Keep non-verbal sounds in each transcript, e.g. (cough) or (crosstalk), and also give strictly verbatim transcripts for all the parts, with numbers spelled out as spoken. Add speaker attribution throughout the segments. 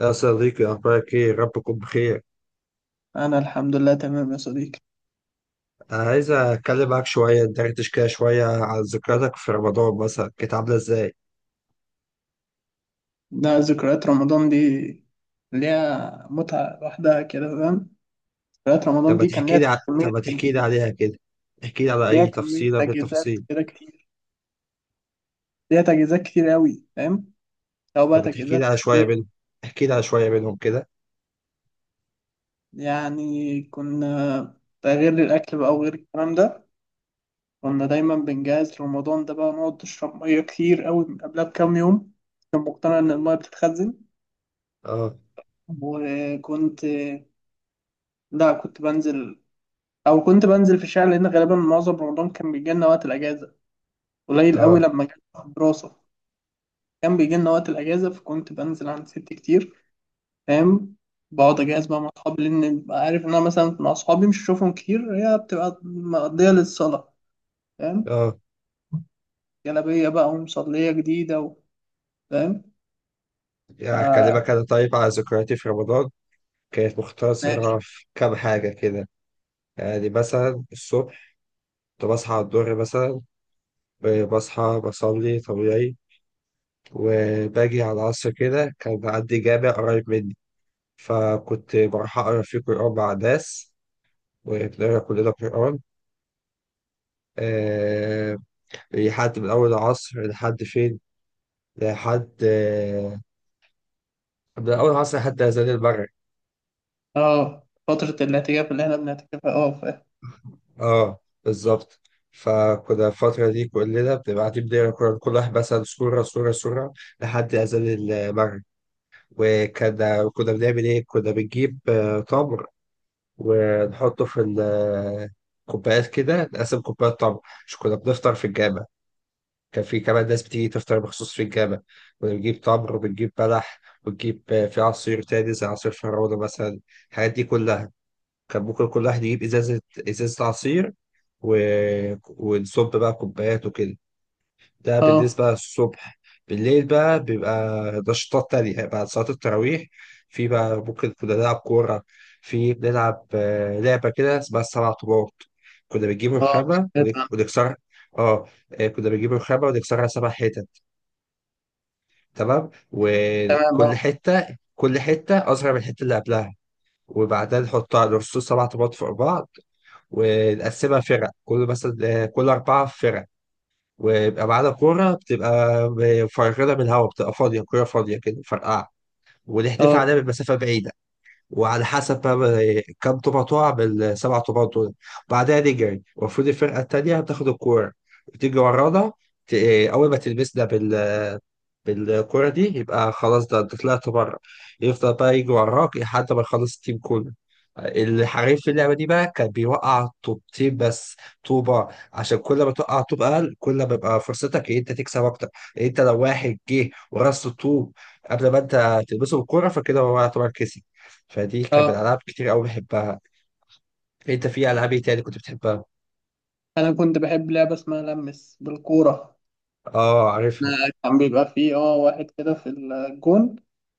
Speaker 1: يا صديقي، أخبارك إيه؟ ربكم بخير.
Speaker 2: أنا الحمد لله تمام يا صديقي.
Speaker 1: أنا عايز أتكلم معاك شوية ندردش كده شوية عن ذكرياتك في رمضان مثلا، كانت عاملة إزاي؟
Speaker 2: ده ذكريات رمضان دي ليها متعة لوحدها كده، فاهم. ذكريات
Speaker 1: طب
Speaker 2: رمضان
Speaker 1: ما
Speaker 2: دي كان
Speaker 1: تحكي
Speaker 2: ليها
Speaker 1: لي ع... طب
Speaker 2: كمية
Speaker 1: ما
Speaker 2: تج-
Speaker 1: تحكي لي عليها كده، احكي لي على
Speaker 2: ليها
Speaker 1: أي
Speaker 2: كمية
Speaker 1: تفصيلة من
Speaker 2: تجهيزات
Speaker 1: التفاصيل،
Speaker 2: كده كتير، ليها تجهيزات كتير أوي، فاهم. لو
Speaker 1: طب
Speaker 2: بقى
Speaker 1: ما تحكي لي
Speaker 2: تجهيزات
Speaker 1: على
Speaker 2: في
Speaker 1: شوية
Speaker 2: البيت،
Speaker 1: منهم، احكي لي على شوية منهم كده.
Speaker 2: يعني كنا، ده غير الأكل بقى وغير الكلام ده. كنا دايما بنجهز رمضان ده، بقى نقعد نشرب مية كتير أوي من قبلها بكام يوم. كنت مقتنع إن المية بتتخزن.
Speaker 1: آه،
Speaker 2: وكنت، لا، كنت بنزل او كنت بنزل في الشارع لان غالبا معظم رمضان كان بيجي لنا وقت الاجازه، قليل قوي
Speaker 1: آه،
Speaker 2: لما كان في الدراسه. كان بيجي لنا وقت الاجازه، فكنت بنزل عند ستي كتير، فاهم. بقعد اجهز بقى مع اصحابي لان ببقى عارف ان انا مثلا مع اصحابي مش هشوفهم كتير، هي بتبقى مقضيه للصلاه، فاهم.
Speaker 1: آه،
Speaker 2: جلابيه بقى ومصليه جديده و- فاهم
Speaker 1: يعني
Speaker 2: ف-
Speaker 1: أكلمك أنا طيب على ذكرياتي في رمضان، كانت
Speaker 2: ماشي.
Speaker 1: مختصرة في كام حاجة كده. يعني مثلا الصبح كنت بصحى على الظهر مثلا، ب- بصحى بصلي طبيعي. وباجي على العصر كده كان بعدي جامع قريب مني، فكنت بروح أقرأ فيه قرآن مع الناس وبنقرأ كلنا قرآن. أه. لحد من أول العصر لحد فين؟ لحد آه، من أول العصر لحد أذان المغرب.
Speaker 2: اه، فتره الاعتكاف اللي احنا بنعتكفها، اه فاهم.
Speaker 1: اه، بالظبط. فكنا الفترة دي كلنا بنبقى قاعدين بنقرا القرآن كل واحد مثلا سورة سورة سورة لحد أذان المغرب. وكنا كنا بنعمل إيه؟ كنا بنجيب آه، تمر، ونحطه في الكوبايات كده نقسم كوبايات تمر. مش كنا بنفطر في الجامع، كان في كمان ناس بتيجي تفطر مخصوص في الجامع. كنا بنجيب تمر وبنجيب بلح وبنجيب آه، في عصير تاني زي عصير فراولة مثلا. الحاجات دي كلها كان ممكن كل واحد يجيب إزازة إزازة عصير، و... ونصب بقى كوبايات وكده. ده
Speaker 2: اه.
Speaker 1: بالنسبة للصبح. بالليل بقى بيبقى نشاطات تانية بعد صلاة التراويح. في بقى ممكن كنا نلعب كورة. في بنلعب آه، لعبة كده اسمها السبع طوبات. كنا بنجيب
Speaker 2: اه
Speaker 1: الخامة
Speaker 2: سمعت
Speaker 1: ونك-
Speaker 2: عنها.
Speaker 1: ونكسرها. اه. آه، كنا بنجيب الخامة ونكسرها سبع حتت، تمام،
Speaker 2: تمام اه.
Speaker 1: وكل حتة كل حتة أصغر من الحتة اللي قبلها. وبعدها نحطها نرص سبع طوبات فوق بعض، ونقسمها فرق، كل مثلا آه، كل أربعة فرق. ويبقى معانا كورة بتبقى مفرغة من الهواء، بتبقى فاضية، كورة فاضية كده مفرقعة، ونحدفها
Speaker 2: اه.
Speaker 1: عليها من مسافة بعيدة. وعلى حسب بقى كم طوبة تقع بالسبع طوبات دول. بعدها نجري، المفروض الفرقة التانية بتاخد الكورة وتيجي ورانا. ت- أول ما تلمسنا بال بالكرة دي يبقى خلاص، ده انت طلعت بره. يفضل بقى يجي وراك لحد ما يخلص التيم كله. الحريف في اللعبة دي بقى كان بيوقع طوبتين بس، طوبة. عشان كل ما توقع طوب أقل، كل ما بيبقى فرصتك إن أنت تكسب أكتر. أنت لو واحد جه ورص الطوب قبل ما أنت تلبسه بالكورة، فكده هو يعتبر كسب. فدي كان
Speaker 2: اه.
Speaker 1: من الألعاب كتير أوي بحبها. أنت في ألعاب إيه تاني كنت بتحبها؟
Speaker 2: انا كنت بحب لعبه اسمها لمس بالكوره.
Speaker 1: آه، عارفها.
Speaker 2: كان بيبقى فيه اه واحد كده في الجون،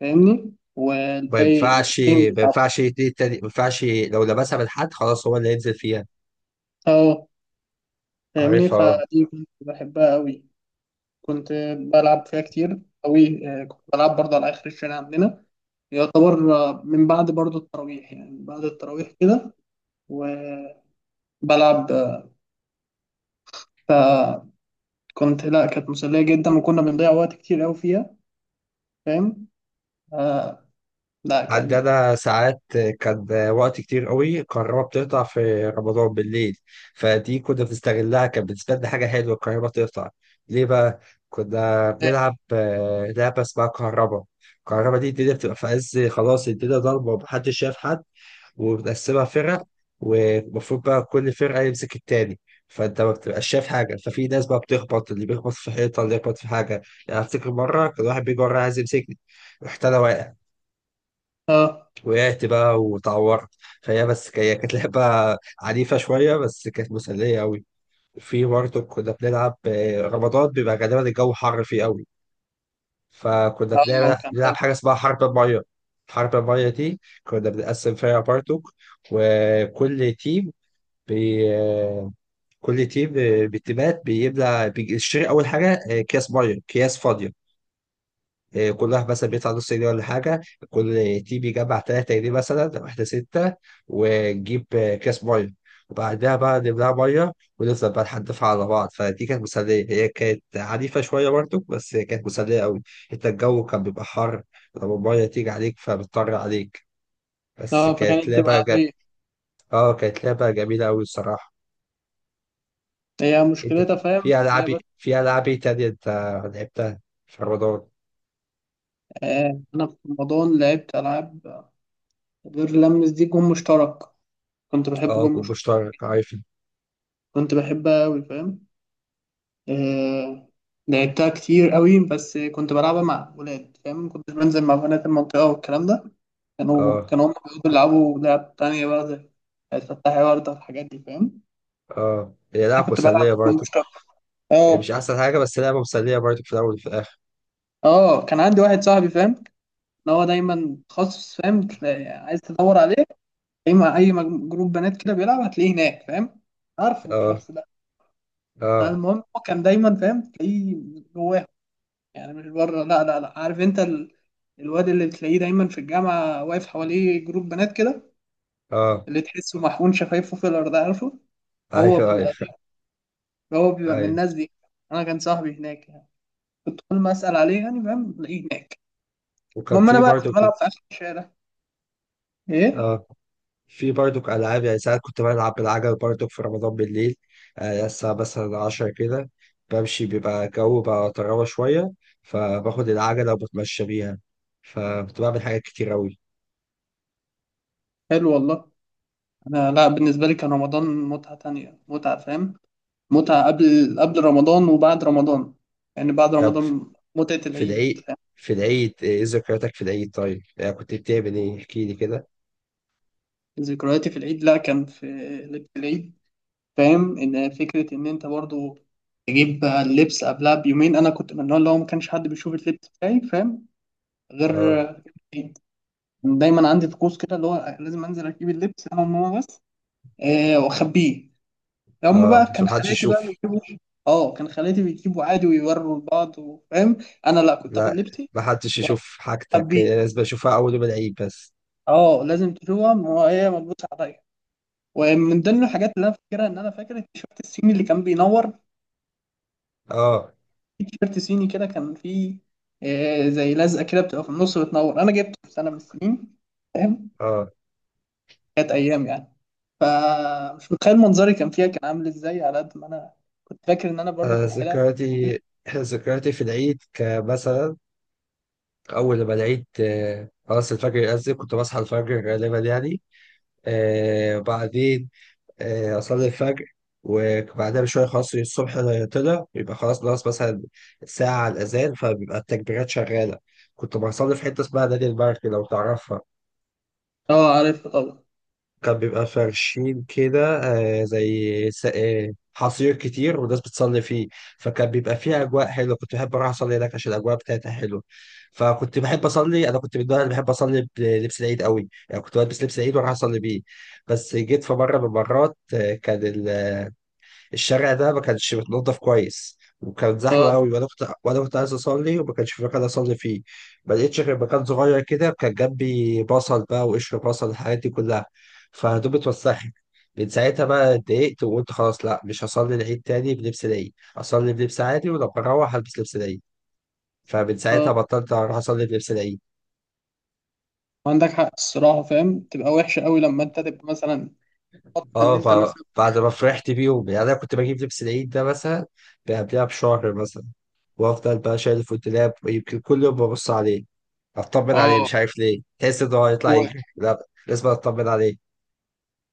Speaker 2: فاهمني،
Speaker 1: ما
Speaker 2: والباقي
Speaker 1: ينفعش
Speaker 2: واتنين
Speaker 1: ما
Speaker 2: بيلعبوا.
Speaker 1: ينفعش اتنين تاني، ما ينفعش لو لمسها من حد، خلاص هو اللي هينزل فيها.
Speaker 2: اه فاهمني،
Speaker 1: عارفها.
Speaker 2: فدي كنت بحبها أوي، كنت بلعب فيها كتير أوي. آه، كنت بلعب برضه على آخر الشارع عندنا، يعتبر آه، من بعد برضه التراويح، يعني من بعد التراويح كده. وبلعب آه، فكنت لا، كانت مسلية جدا وكنا بنضيع وقت كتير أوي فيها، فاهم. آه. لا.
Speaker 1: عندي
Speaker 2: كان
Speaker 1: أنا ساعات كان وقت كتير قوي الكهرباء بتقطع في رمضان بالليل، فدي كنا بنستغلها، كانت بالنسبة لنا حاجة حلوة الكهرباء تقطع. ليه بقى؟ كنا بنلعب آه، لعبة اسمها كهرباء. الكهرباء دي الدنيا بتبقى في عز خلاص، الدنيا ضلمة ومحدش شايف حد. وبنقسمها فرق، والمفروض بقى كل فرقة يمسك التاني. فانت ما بتبقاش شايف حاجه، ففي ناس بقى بتخبط، اللي بيخبط في حيطه، اللي بيخبط في حاجه. يعني افتكر مره كان واحد بيجي ورايا عايز يمسكني، رحت انا واقع.
Speaker 2: اه
Speaker 1: وقعت بقى واتعورت. فهي بس ك- هي كانت لعبة عنيفة شوية بس كانت مسلية أوي. في برضه كنا بنلعب، آه، رمضان بيبقى غالبا الجو حر فيه أوي، فكنا
Speaker 2: اه
Speaker 1: بنلعب
Speaker 2: كان
Speaker 1: بنلعب حاجة اسمها حرب المية. حرب المية دي كنا بنقسم فرقة برضه، وكل تيم بي آه، كل تيم آه، بالتيمات بيملى بيشتري أول حاجة آه، أكياس مية، أكياس فاضية. إيه، كل واحد مثلا بيدفع نص جنيه ولا حاجة، كل تيم يجمع تلاتة جنيه مثلا، واحدة ستة. ونجيب آه، كاس مية، وبعدها بقى نملاها مية، ونفضل بقى نحدفها على بعض. فدي كانت مسلية، هي كانت عنيفة شوية برضه بس هي كانت مسلية أوي. أنت الجو كان بيبقى حر، لما المية تيجي عليك فبتطر عليك. بس
Speaker 2: اه
Speaker 1: كانت
Speaker 2: فكانت تبقى
Speaker 1: لعبة جا...
Speaker 2: عادية.
Speaker 1: اه، كانت لعبة جميلة أوي الصراحة.
Speaker 2: هي
Speaker 1: أنت
Speaker 2: مشكلتها،
Speaker 1: في
Speaker 2: فاهم،
Speaker 1: في ألعاب
Speaker 2: هي بس.
Speaker 1: في ألعاب إيه تانية أنت لعبتها في رمضان؟
Speaker 2: آه، انا في رمضان لعبت العاب غير لمس دي، جون مشترك. كنت بحب
Speaker 1: اه،
Speaker 2: جون
Speaker 1: كنت
Speaker 2: مشترك،
Speaker 1: مشترك، عارف.
Speaker 2: كنت بحبها قوي، فاهم. آه، لعبتها كتير قوي، بس كنت بلعبها مع ولاد، فاهم. ما كنتش بنزل مع بنات المنطقة والكلام ده. كانوا
Speaker 1: اه.
Speaker 2: كانوا هم بيقعدوا يلعبوا لعب تانية بقى زي فتحي وردة الحاجات دي، فاهم.
Speaker 1: اه، هي
Speaker 2: انا
Speaker 1: لعبة
Speaker 2: كنت بلعب
Speaker 1: مسلية
Speaker 2: جون
Speaker 1: برضو.
Speaker 2: مشترك.
Speaker 1: هي مش
Speaker 2: اه.
Speaker 1: أحسن حاجة بس لعبة مسلية برضو في الأول وفي الآخر.
Speaker 2: اه، كان عندي واحد صاحبي، فاهم، ان هو دايما تخصص، فاهم. تلاقي- عايز تدور عليه، اي ما اي مج- جروب بنات كده بيلعب هتلاقيه هناك، فاهم. عارفه
Speaker 1: اه،
Speaker 2: الشخص ده.
Speaker 1: اه،
Speaker 2: فالمهم هو كان دايما، فاهم، تلاقيه جواه، يعني مش بره، لا لا لا. عارف انت ال... الواد اللي بتلاقيه دايما في الجامعه واقف حواليه جروب بنات كده،
Speaker 1: اه،
Speaker 2: اللي تحسه محقون شفايفه في الارض، عارفه.
Speaker 1: (laughs)
Speaker 2: هو
Speaker 1: أيوه،
Speaker 2: بيبقى
Speaker 1: أيوه،
Speaker 2: هو بيبقى من
Speaker 1: أيوه،
Speaker 2: الناس دي. انا كان صاحبي هناك، يعني كنت كل ما اسال عليه يعني فاهم تلاقيه هناك.
Speaker 1: وكان
Speaker 2: المهم انا
Speaker 1: في
Speaker 2: بقى كنت
Speaker 1: برضو
Speaker 2: بلعب
Speaker 1: ك-
Speaker 2: في اخر الشارع، ايه.
Speaker 1: اه، في برضو ألعاب. يعني ساعات كنت بلعب بالعجل برضو في رمضان بالليل. آه الساعة مثلا عشرة كده، بمشي بيبقى الجو بقى طراوة شوية، فباخد العجلة وبتمشى بيها. فكنت بعمل حاجات كتير أوي.
Speaker 2: حلو والله. انا لا، بالنسبه لي كان رمضان متعه تانية، متعه فاهم، متعة قبل قبل رمضان وبعد رمضان. يعني بعد
Speaker 1: طب
Speaker 2: رمضان متعة
Speaker 1: في
Speaker 2: العيد،
Speaker 1: العيد
Speaker 2: فاهم؟
Speaker 1: في العيد إيه ذكرياتك في العيد طيب؟ يعني كنت بتعمل إيه؟ احكيلي كده.
Speaker 2: ذكرياتي في العيد، لا كان في لبس العيد، فاهم، ان فكرة ان انت برضو تجيب بقى اللبس قبلها بيومين. انا كنت من النوع اللي هو ما كانش حد بيشوف اللبس بتاعي، فاهم، غير
Speaker 1: اه،
Speaker 2: العيد. دايما عندي طقوس كده اللي هو لازم انزل اجيب اللبس انا وماما بس. آه واخبيه. هم
Speaker 1: اه،
Speaker 2: بقى
Speaker 1: عشان
Speaker 2: كان
Speaker 1: محدش
Speaker 2: خالاتي بقى
Speaker 1: يشوف.
Speaker 2: بيجيبوا. اه، كان خالاتي بيجيبوا عادي ويوروا لبعض وفاهم. انا لا، كنت
Speaker 1: لا،
Speaker 2: اخد لبسي
Speaker 1: محدش يشوف حاجتك،
Speaker 2: واخبيه.
Speaker 1: لازم اشوفها اول يوم العيد بس.
Speaker 2: اه، لازم تشوفهم وهي ملبوسة عليا. ومن ضمن الحاجات اللي انا فاكرها ان انا فاكر التيشيرت الصيني اللي كان بينور.
Speaker 1: اه،
Speaker 2: في تيشيرت صيني كده كان فيه آه، زي لزقة كده بتبقى في النص بتنور. انا جبته في سنة من السنين، فاهم.
Speaker 1: اه،
Speaker 2: كانت ايام يعني. فمش متخيل منظري كان فيها، كان عامل ازاي، على قد ما انا كنت فاكر ان انا برضو في
Speaker 1: انا
Speaker 2: الحلقة دي.
Speaker 1: ذكرياتي ذكرياتي في العيد كمثلا، اول ما العيد آه، خلاص الفجر يأذن كنت بصحى الفجر غالبا يعني. آه بعدين آه اصلي الفجر. وبعدها بشويه خلاص الصبح طلع، يبقى خلاص ناقص مثلا ساعه على الاذان، فبيبقى التكبيرات شغاله. كنت بصلي في حته اسمها نادي المرج لو تعرفها.
Speaker 2: اه، عارف طبعا.
Speaker 1: كان بيبقى فرشين كده، آه، زي س- آه، حصير كتير والناس بتصلي فيه. فكان بيبقى فيه أجواء حلوة، كنت بحب أروح أصلي هناك عشان الأجواء بتاعتها حلوة. فكنت بحب أصلي، أنا كنت من النوع اللي بحب أصلي بلبس العيد قوي، يعني كنت بلبس لبس العيد وأروح أصلي بيه. بس جيت في مرة من المرات آه، كان الشارع ده ما كانش متنضف كويس، وكانت زحمه
Speaker 2: اه.
Speaker 1: قوي، وانا كنت وانا كنت عايز اصلي وما كانش في مكان اصلي فيه. ما لقيتش غير مكان صغير كده كان جنبي بصل بقى، وقشر بصل، الحاجات دي كلها، فهدومي اتوسخت. من ساعتها بقى اتضايقت وقلت خلاص، لا مش هصلي العيد تاني بلبس العيد، اصلي بلبس عادي ولما اروح هلبس لبس العيد. فمن
Speaker 2: اه،
Speaker 1: ساعتها بطلت اروح اصلي بلبس العيد.
Speaker 2: عندك حق الصراحة، فاهم، تبقى وحشة قوي لما انت تبقى مثلا، حط ان
Speaker 1: اه.
Speaker 2: انت
Speaker 1: ب-
Speaker 2: مثلا.
Speaker 1: بعد ما فرحت بيهم، يعني انا كنت بجيب لبس العيد ده مثلا قبلها بشهر مثلا، وافضل بقى شايل في الدولاب يمكن كل يوم ببص عليه اطمن عليه،
Speaker 2: اه،
Speaker 1: مش عارف ليه تحس ان هو هيطلع يجري، لا لازم اطمن عليه.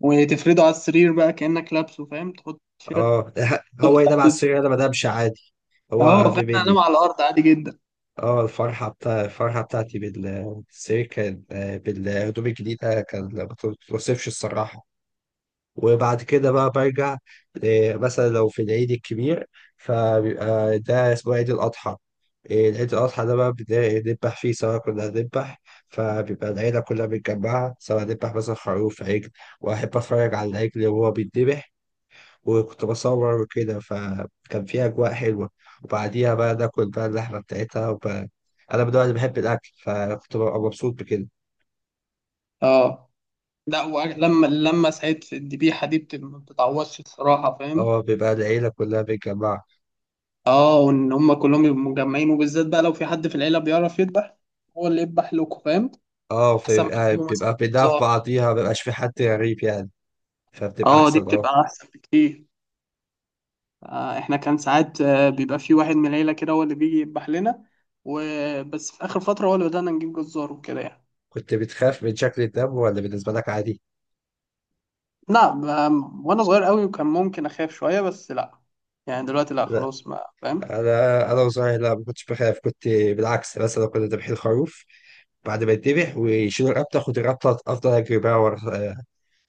Speaker 2: وتفرده على السرير بقى كأنك لابسه، فاهم، تحط تيشيرت،
Speaker 1: اه. (laughs)
Speaker 2: تحط
Speaker 1: هو ينام
Speaker 2: تحت.
Speaker 1: على السرير انا ما انامش عادي، هو
Speaker 2: اه
Speaker 1: اهم
Speaker 2: فاهم،
Speaker 1: مني.
Speaker 2: انام على الارض عادي جدا.
Speaker 1: اه، الفرحه بتاع الفرحه بتاعتي بال- بالسرير كان آه، بالهدوم الجديده كان ما توصفش الصراحه. وبعد كده بقى برجع. آه، مثلا لو في العيد الكبير، فبيبقى ده اسمه عيد الأضحى. آه، عيد الأضحى ده بقى بنذبح فيه، سواء كنا هنذبح، فبيبقى العيلة كلها متجمعة، سواء نذبح مثلا خروف، عجل، وأحب أتفرج على العجل وهو بيتذبح، وكنت بصور وكده، فكان فيه أجواء حلوة. وبعديها بقى ناكل بقى اللحمة بتاعتها وب... أنا من النوع اللي بحب الأكل، فكنت ببقى مبسوط بكده.
Speaker 2: اه لا، ولما لما سعيد في الذبيحه دي بت- ما بتتعوضش الصراحه، فاهم.
Speaker 1: اه، بيبقى العيلة كلها متجمعة.
Speaker 2: اه، وان هم كلهم يبقوا مجمعين، وبالذات بقى لو في حد في العيله بيعرف يذبح، هو اللي يذبح لكم، فاهم.
Speaker 1: اه،
Speaker 2: احسن ما
Speaker 1: فبيبقى
Speaker 2: تجيبوا مثلا
Speaker 1: بيبقى بيدافع
Speaker 2: زار.
Speaker 1: بعضيها، مبيبقاش في حد غريب يعني. فبتبقى
Speaker 2: اه دي
Speaker 1: احسن اه
Speaker 2: بتبقى احسن بكتير. آه، احنا كان ساعات، آه، بيبقى في واحد من العيله كده هو اللي بيجي يذبح لنا. وبس في اخر فتره هو اللي بدانا نجيب جزار وكده يعني.
Speaker 1: كنت بتخاف من شكل الدب ولا بالنسبه لك عادي؟
Speaker 2: نعم. أم، وانا صغير قوي وكان ممكن اخاف شويه، بس لا. يعني دلوقتي لا،
Speaker 1: لا،
Speaker 2: خلاص ما فاهم.
Speaker 1: انا انا وصغير، لا ما كنتش بخاف، كنت بالعكس. مثلا كنا ذابحين خروف، بعد ما يتذبح ويشيلوا الرابطه، كنت الرابطه افضل اجري بقى ورا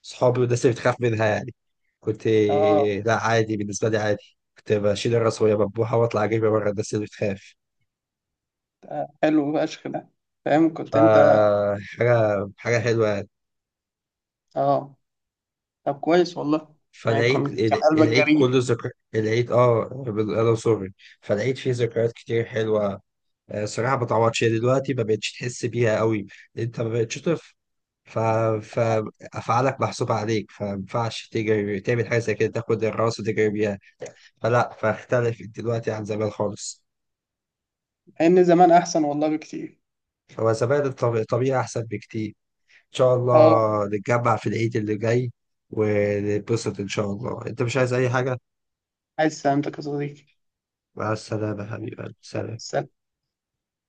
Speaker 1: صحابي والناس اللي بتخاف منها يعني. كنت
Speaker 2: اه.
Speaker 1: لا عادي بالنسبه لي عادي، كنت بشيل الراس وهي مذبوحه واطلع اجري ورا الناس اللي بتخاف.
Speaker 2: آه، حلو فشخ ده، فاهم، كنت انت.
Speaker 1: فحاجه حاجه حلوه.
Speaker 2: اه. طب كويس والله. يعني
Speaker 1: فالعيد
Speaker 2: كنت كان
Speaker 1: ال-
Speaker 2: قلبك
Speaker 1: العيد
Speaker 2: جريء.
Speaker 1: كله ذكر. العيد اه بال- انا سوري. فالعيد فيه ذكريات كتير حلوه. آه، صراحه ما تعوضش، هي دلوقتي ما بقتش تحس بيها قوي، انت ما بقتش طفل. ف...
Speaker 2: آه.
Speaker 1: فافعالك محسوبه عليك، فما ينفعش تجري تعمل حاجه زي كده تاخد الراس وتجري بيها. فلا، فاختلفت دلوقتي عن زمان خالص.
Speaker 2: ان زمان احسن والله بكتير.
Speaker 1: هو زمان الطب- الطبيعه احسن بكتير. ان شاء
Speaker 2: اه،
Speaker 1: الله نتجمع في العيد اللي جاي ونتبسط ان شاء الله. انت مش عايز اي حاجه؟
Speaker 2: عايز سلامتك يا صديقي.
Speaker 1: مع السلامه حبيبي، سلام.
Speaker 2: سلام.